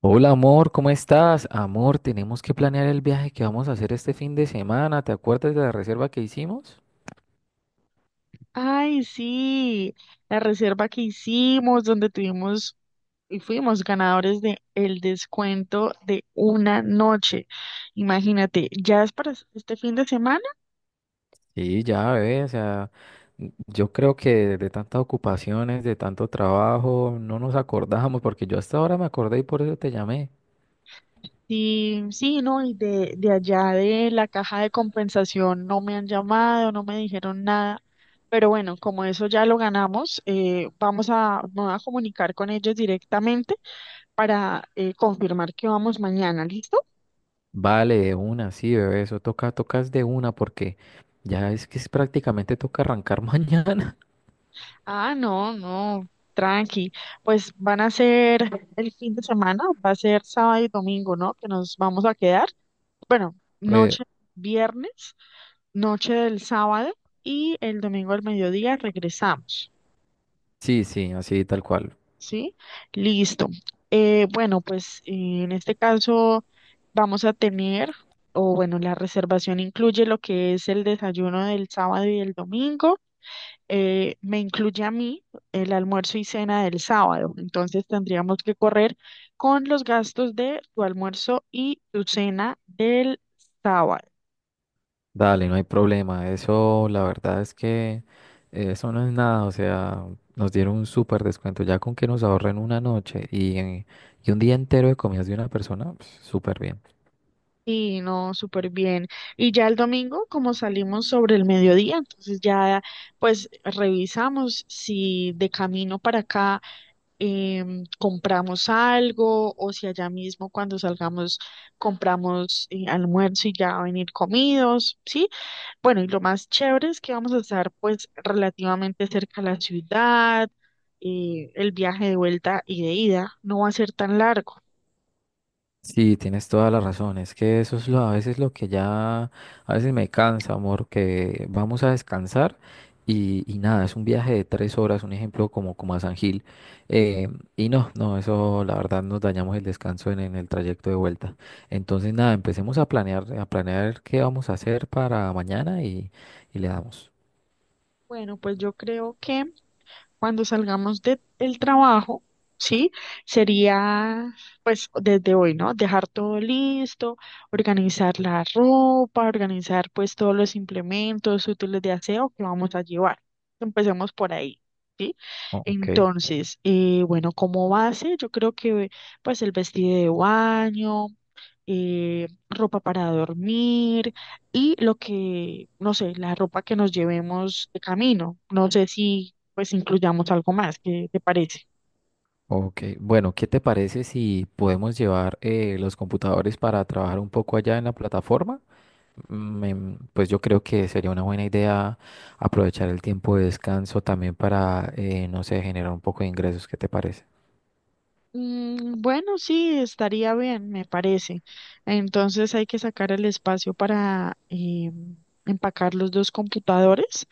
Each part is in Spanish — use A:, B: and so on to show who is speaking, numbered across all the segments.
A: Hola amor, ¿cómo estás? Amor, tenemos que planear el viaje que vamos a hacer este fin de semana. ¿Te acuerdas de la reserva que hicimos?
B: Ay, sí, la reserva que hicimos, donde tuvimos y fuimos ganadores de el descuento de una noche. Imagínate, ya es para este fin de semana.
A: Sí, ya, bebé, o sea, yo creo que de tantas ocupaciones, de tanto trabajo, no nos acordamos, porque yo hasta ahora me acordé y por eso te llamé.
B: Sí, sí, no, y de allá de la caja de compensación no me han llamado, no me dijeron nada. Pero bueno, como eso ya lo ganamos, vamos a, me voy a comunicar con ellos directamente para confirmar que vamos mañana, ¿listo?
A: Vale, de una, sí, bebé, eso toca, tocas de una, porque ya es que es prácticamente toca arrancar mañana.
B: Ah, no, no, tranqui. Pues van a ser el fin de semana, va a ser sábado y domingo, ¿no? Que nos vamos a quedar. Bueno,
A: Pues
B: noche viernes, noche del sábado y el domingo al mediodía regresamos,
A: sí, sí, así tal cual.
B: ¿sí? Listo. Bueno, en este caso vamos a tener, o bueno, la reservación incluye lo que es el desayuno del sábado y el domingo, me incluye a mí el almuerzo y cena del sábado. Entonces tendríamos que correr con los gastos de tu almuerzo y tu cena del sábado.
A: Dale, no hay problema. Eso, la verdad es que eso no es nada. O sea, nos dieron un súper descuento. Ya con que nos ahorren una noche y un día entero de comidas de una persona, pues, súper bien.
B: Y no, súper bien. Y ya el domingo, como salimos sobre el mediodía, entonces ya pues revisamos si de camino para acá compramos algo o si allá mismo cuando salgamos compramos almuerzo y ya venir comidos, ¿sí? Bueno, y lo más chévere es que vamos a estar pues relativamente cerca a la ciudad, el viaje de vuelta y de ida no va a ser tan largo.
A: Sí, tienes toda la razón. Es que eso es lo, a veces lo que ya, a veces me cansa, amor, que vamos a descansar y nada, es un viaje de 3 horas, un ejemplo como, como a San Gil. eh, y no, no, eso la verdad nos dañamos el descanso en el trayecto de vuelta. Entonces nada, empecemos a planear qué vamos a hacer para mañana y le damos.
B: Bueno, pues yo creo que cuando salgamos del trabajo, ¿sí? Sería, pues, desde hoy, ¿no? Dejar todo listo, organizar la ropa, organizar, pues, todos los implementos útiles de aseo que vamos a llevar. Empecemos por ahí. ¿Sí?
A: Oh, ok.
B: Entonces, bueno, como base, yo creo que pues el vestido de baño, ropa para dormir y lo que, no sé, la ropa que nos llevemos de camino. No sé si pues incluyamos algo más, ¿qué te parece?
A: Ok, bueno, ¿qué te parece si podemos llevar los computadores para trabajar un poco allá en la plataforma? Pues yo creo que sería una buena idea aprovechar el tiempo de descanso también para, no sé, generar un poco de ingresos. ¿Qué te parece?
B: Bueno, sí, estaría bien, me parece. Entonces hay que sacar el espacio para empacar los dos computadores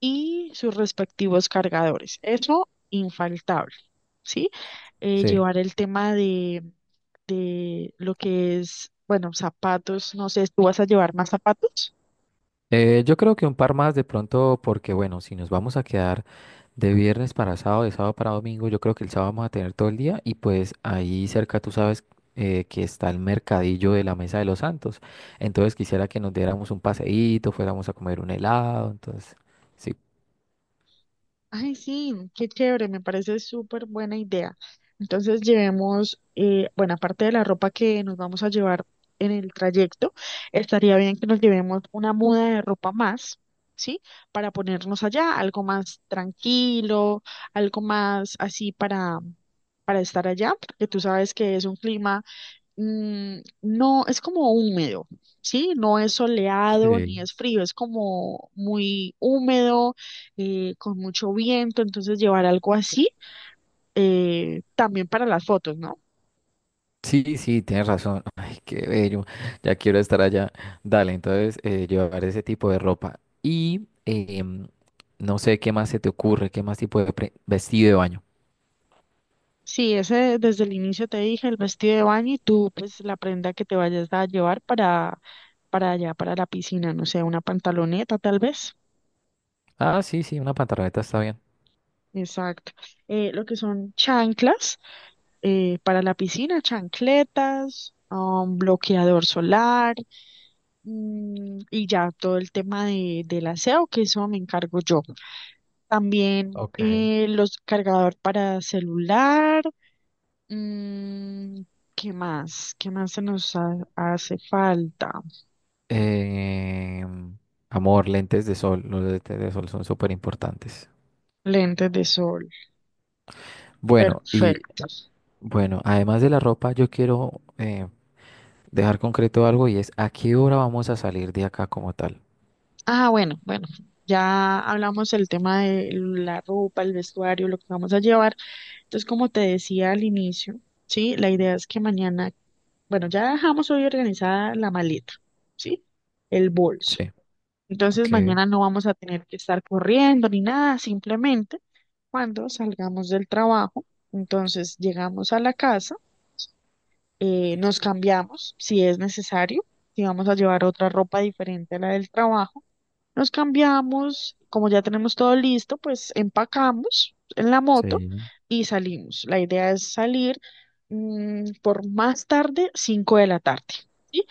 B: y sus respectivos cargadores. Eso infaltable, ¿sí?
A: Sí.
B: Llevar el tema de lo que es, bueno, zapatos, no sé, ¿tú vas a llevar más zapatos?
A: Yo creo que un par más de pronto, porque bueno, si nos vamos a quedar de viernes para sábado, de sábado para domingo, yo creo que el sábado vamos a tener todo el día y pues ahí cerca tú sabes que está el mercadillo de la Mesa de los Santos. Entonces quisiera que nos diéramos un paseíto, fuéramos a comer un helado, entonces, sí.
B: Ay, sí, qué chévere, me parece súper buena idea. Entonces llevemos, bueno, aparte de la ropa que nos vamos a llevar en el trayecto, estaría bien que nos llevemos una muda de ropa más, ¿sí? Para ponernos allá, algo más tranquilo, algo más así para estar allá, porque tú sabes que es un clima, no, es como húmedo, ¿sí? No es soleado ni
A: Sí.
B: es frío, es como muy húmedo, con mucho viento, entonces llevar algo así, también para las fotos, ¿no?
A: Sí, sí, tienes razón. Ay, qué bello. Ya quiero estar allá. Dale, entonces llevar ese tipo de ropa. Y no sé qué más se te ocurre, qué más tipo de vestido de baño.
B: Sí, ese desde el inicio te dije, el vestido de baño y tú, pues la prenda que te vayas a llevar para allá, para la piscina, no sé, una pantaloneta tal vez.
A: Ah, sí, sí, una pantaloneta está bien.
B: Exacto. Lo que son chanclas, para la piscina, chancletas, bloqueador solar, y ya todo el tema del aseo, que eso me encargo yo. También
A: Ok.
B: los cargador para celular. mm, ¿Qué más? ¿Qué más se nos hace falta?
A: Em, Amor, lentes de sol. Los lentes de sol son súper importantes.
B: Lentes de sol.
A: Bueno, y
B: Perfecto.
A: bueno, además de la ropa, yo quiero dejar concreto algo y es a qué hora vamos a salir de acá como tal.
B: Ah, bueno, bueno, ya hablamos del tema de la ropa, el vestuario, lo que vamos a llevar. Entonces, como te decía al inicio, sí, la idea es que mañana, bueno, ya dejamos hoy organizada la maleta, sí, el bolso.
A: Sí,
B: Entonces,
A: ok.
B: mañana no vamos a tener que estar corriendo ni nada, simplemente cuando salgamos del trabajo, entonces llegamos a la casa, nos cambiamos si es necesario, si vamos a llevar otra ropa diferente a la del trabajo nos cambiamos, como ya tenemos todo listo, pues empacamos en la moto
A: Sí.
B: y salimos. La idea es salir, por más tarde, 5 de la tarde, ¿sí?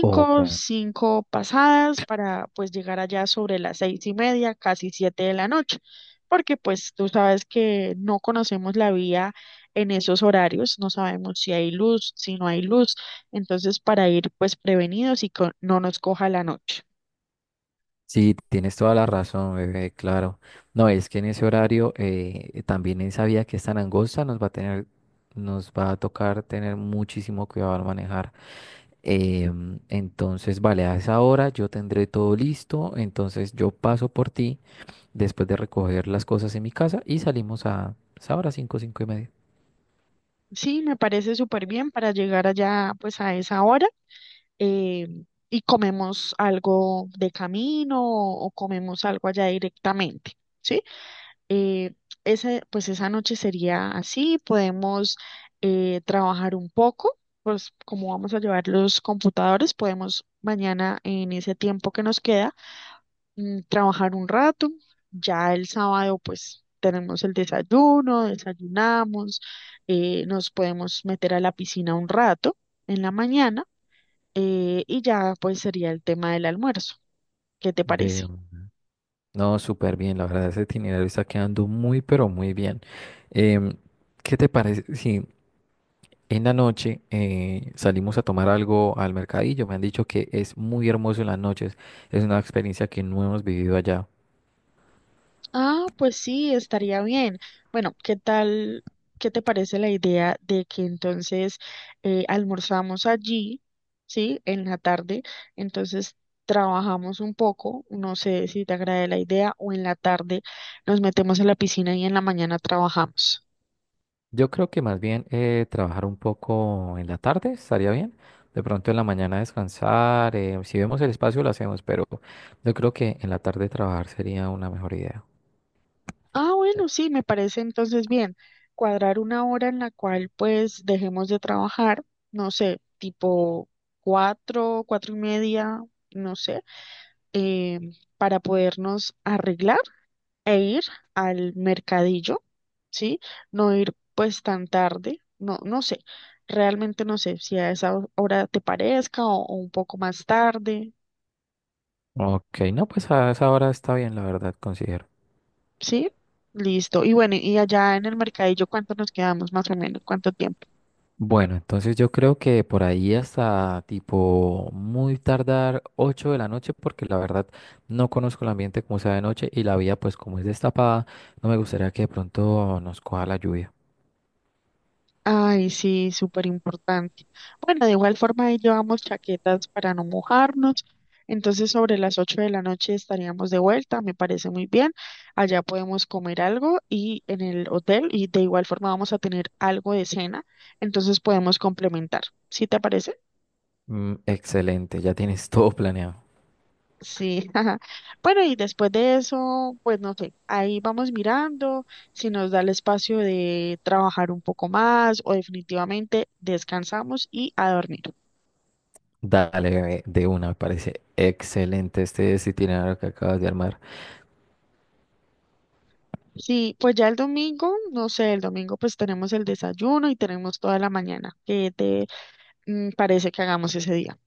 A: Ok.
B: 5 pasadas para pues llegar allá sobre las seis y media, casi 7 de la noche, porque pues tú sabes que no conocemos la vía en esos horarios, no sabemos si hay luz, si no hay luz, entonces para ir pues prevenidos y que no nos coja la noche.
A: Sí, tienes toda la razón, bebé, claro. No, es que en ese horario también esa vía que es tan angosta nos va a tener, nos va a tocar tener muchísimo cuidado al manejar. Entonces, vale, a esa hora yo tendré todo listo, entonces yo paso por ti después de recoger las cosas en mi casa y salimos a esa hora, 5, 5 y media.
B: Sí, me parece súper bien para llegar allá pues a esa hora, eh, y comemos algo de camino o, comemos algo allá directamente, ¿sí? Eh, pues esa noche sería así, podemos trabajar un poco, pues como vamos a llevar los computadores, podemos mañana en ese tiempo que nos queda, trabajar un rato. Ya el sábado, pues tenemos el desayuno, desayunamos, nos podemos meter a la piscina un rato en la mañana, y ya pues sería el tema del almuerzo. ¿Qué te parece?
A: De, no, súper bien, la verdad, ese itinerario está quedando muy, pero muy bien. Em, ¿Qué te parece? Sí, en la noche salimos a tomar algo al mercadillo. Me han dicho que es muy hermoso en las noches. Es una experiencia que no hemos vivido allá.
B: Ah, pues sí, estaría bien. Bueno, ¿qué tal? ¿Qué te parece la idea de que entonces almorzamos allí, sí, en la tarde? Entonces trabajamos un poco, no sé si te agrade la idea, o en la tarde nos metemos en la piscina y en la mañana trabajamos.
A: Yo creo que más bien trabajar un poco en la tarde estaría bien. De pronto en la mañana descansar. Si vemos el espacio lo hacemos, pero yo creo que en la tarde trabajar sería una mejor idea.
B: Ah, bueno, sí, me parece entonces bien. Cuadrar una hora en la cual pues dejemos de trabajar, no sé, tipo cuatro, cuatro y media, no sé. eh, para podernos arreglar e ir al mercadillo, ¿sí? No ir pues tan tarde, no, no sé, realmente no sé si a esa hora te parezca o un poco más tarde,
A: Ok, no, pues a esa hora está bien, la verdad, considero.
B: ¿sí? Listo. Y bueno, y allá en el mercadillo, ¿cuánto nos quedamos más o menos? ¿Cuánto tiempo?
A: Bueno, entonces yo creo que por ahí hasta tipo muy tardar 8 de la noche, porque la verdad no conozco el ambiente como sea de noche y la vía pues como es destapada, no me gustaría que de pronto nos coja la lluvia.
B: Ay, sí, súper importante. Bueno, de igual forma ahí llevamos chaquetas para no mojarnos. Entonces, sobre las 8 de la noche estaríamos de vuelta, me parece muy bien. Allá podemos comer algo y en el hotel y de igual forma vamos a tener algo de cena, entonces podemos complementar. ¿Sí te parece?
A: Mm, excelente, ya tienes todo planeado.
B: Sí. Ajá. Bueno, y después de eso, pues no sé, ahí vamos mirando si nos da el espacio de trabajar un poco más o definitivamente descansamos y a dormir.
A: Dale, bebé, de una, me parece excelente este itinerario que acabas de armar.
B: Sí, pues ya el domingo, no sé, el domingo pues tenemos el desayuno y tenemos toda la mañana. ¿Qué te, parece que hagamos ese día?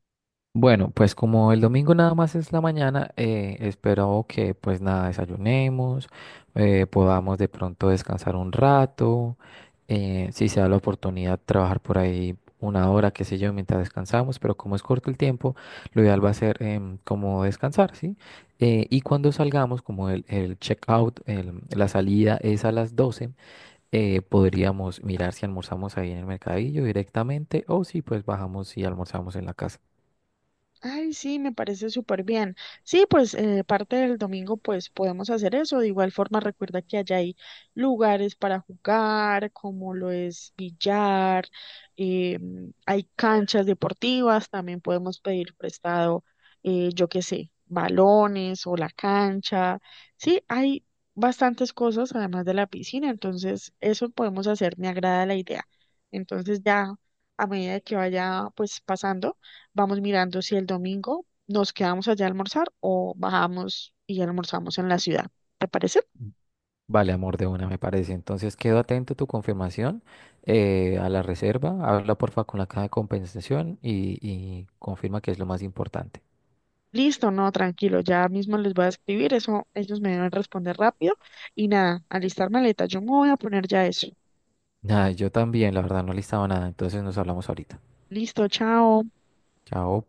A: Bueno, pues como el domingo nada más es la mañana, espero que pues nada, desayunemos, podamos de pronto descansar un rato, si se da la oportunidad trabajar por ahí una hora, qué sé yo, mientras descansamos, pero como es corto el tiempo, lo ideal va a ser como descansar, ¿sí? Y cuando salgamos, como el check-out, la salida es a las 12, podríamos mirar si almorzamos ahí en el mercadillo directamente o si pues bajamos y almorzamos en la casa.
B: Ay, sí, me parece súper bien. Sí, pues parte del domingo pues podemos hacer eso. De igual forma, recuerda que allá hay lugares para jugar, como lo es billar, eh, hay canchas deportivas, también podemos pedir prestado, yo qué sé, balones o la cancha. Sí, hay bastantes cosas además de la piscina, entonces eso podemos hacer, me agrada la idea. Entonces ya a medida que vaya pues pasando. Vamos mirando si el domingo nos quedamos allá a almorzar o bajamos y almorzamos en la ciudad. ¿Te parece?
A: Vale, amor, de una me parece. Entonces, quedo atento a tu confirmación, a la reserva. Habla porfa con la caja de compensación y confirma que es lo más importante.
B: Listo, no, tranquilo, ya mismo les voy a escribir, eso ellos me deben responder rápido y nada, alistar maleta, yo me voy a poner ya eso.
A: Nada, yo también, la verdad, no listaba nada. Entonces, nos hablamos ahorita.
B: Listo, chao.
A: Chao.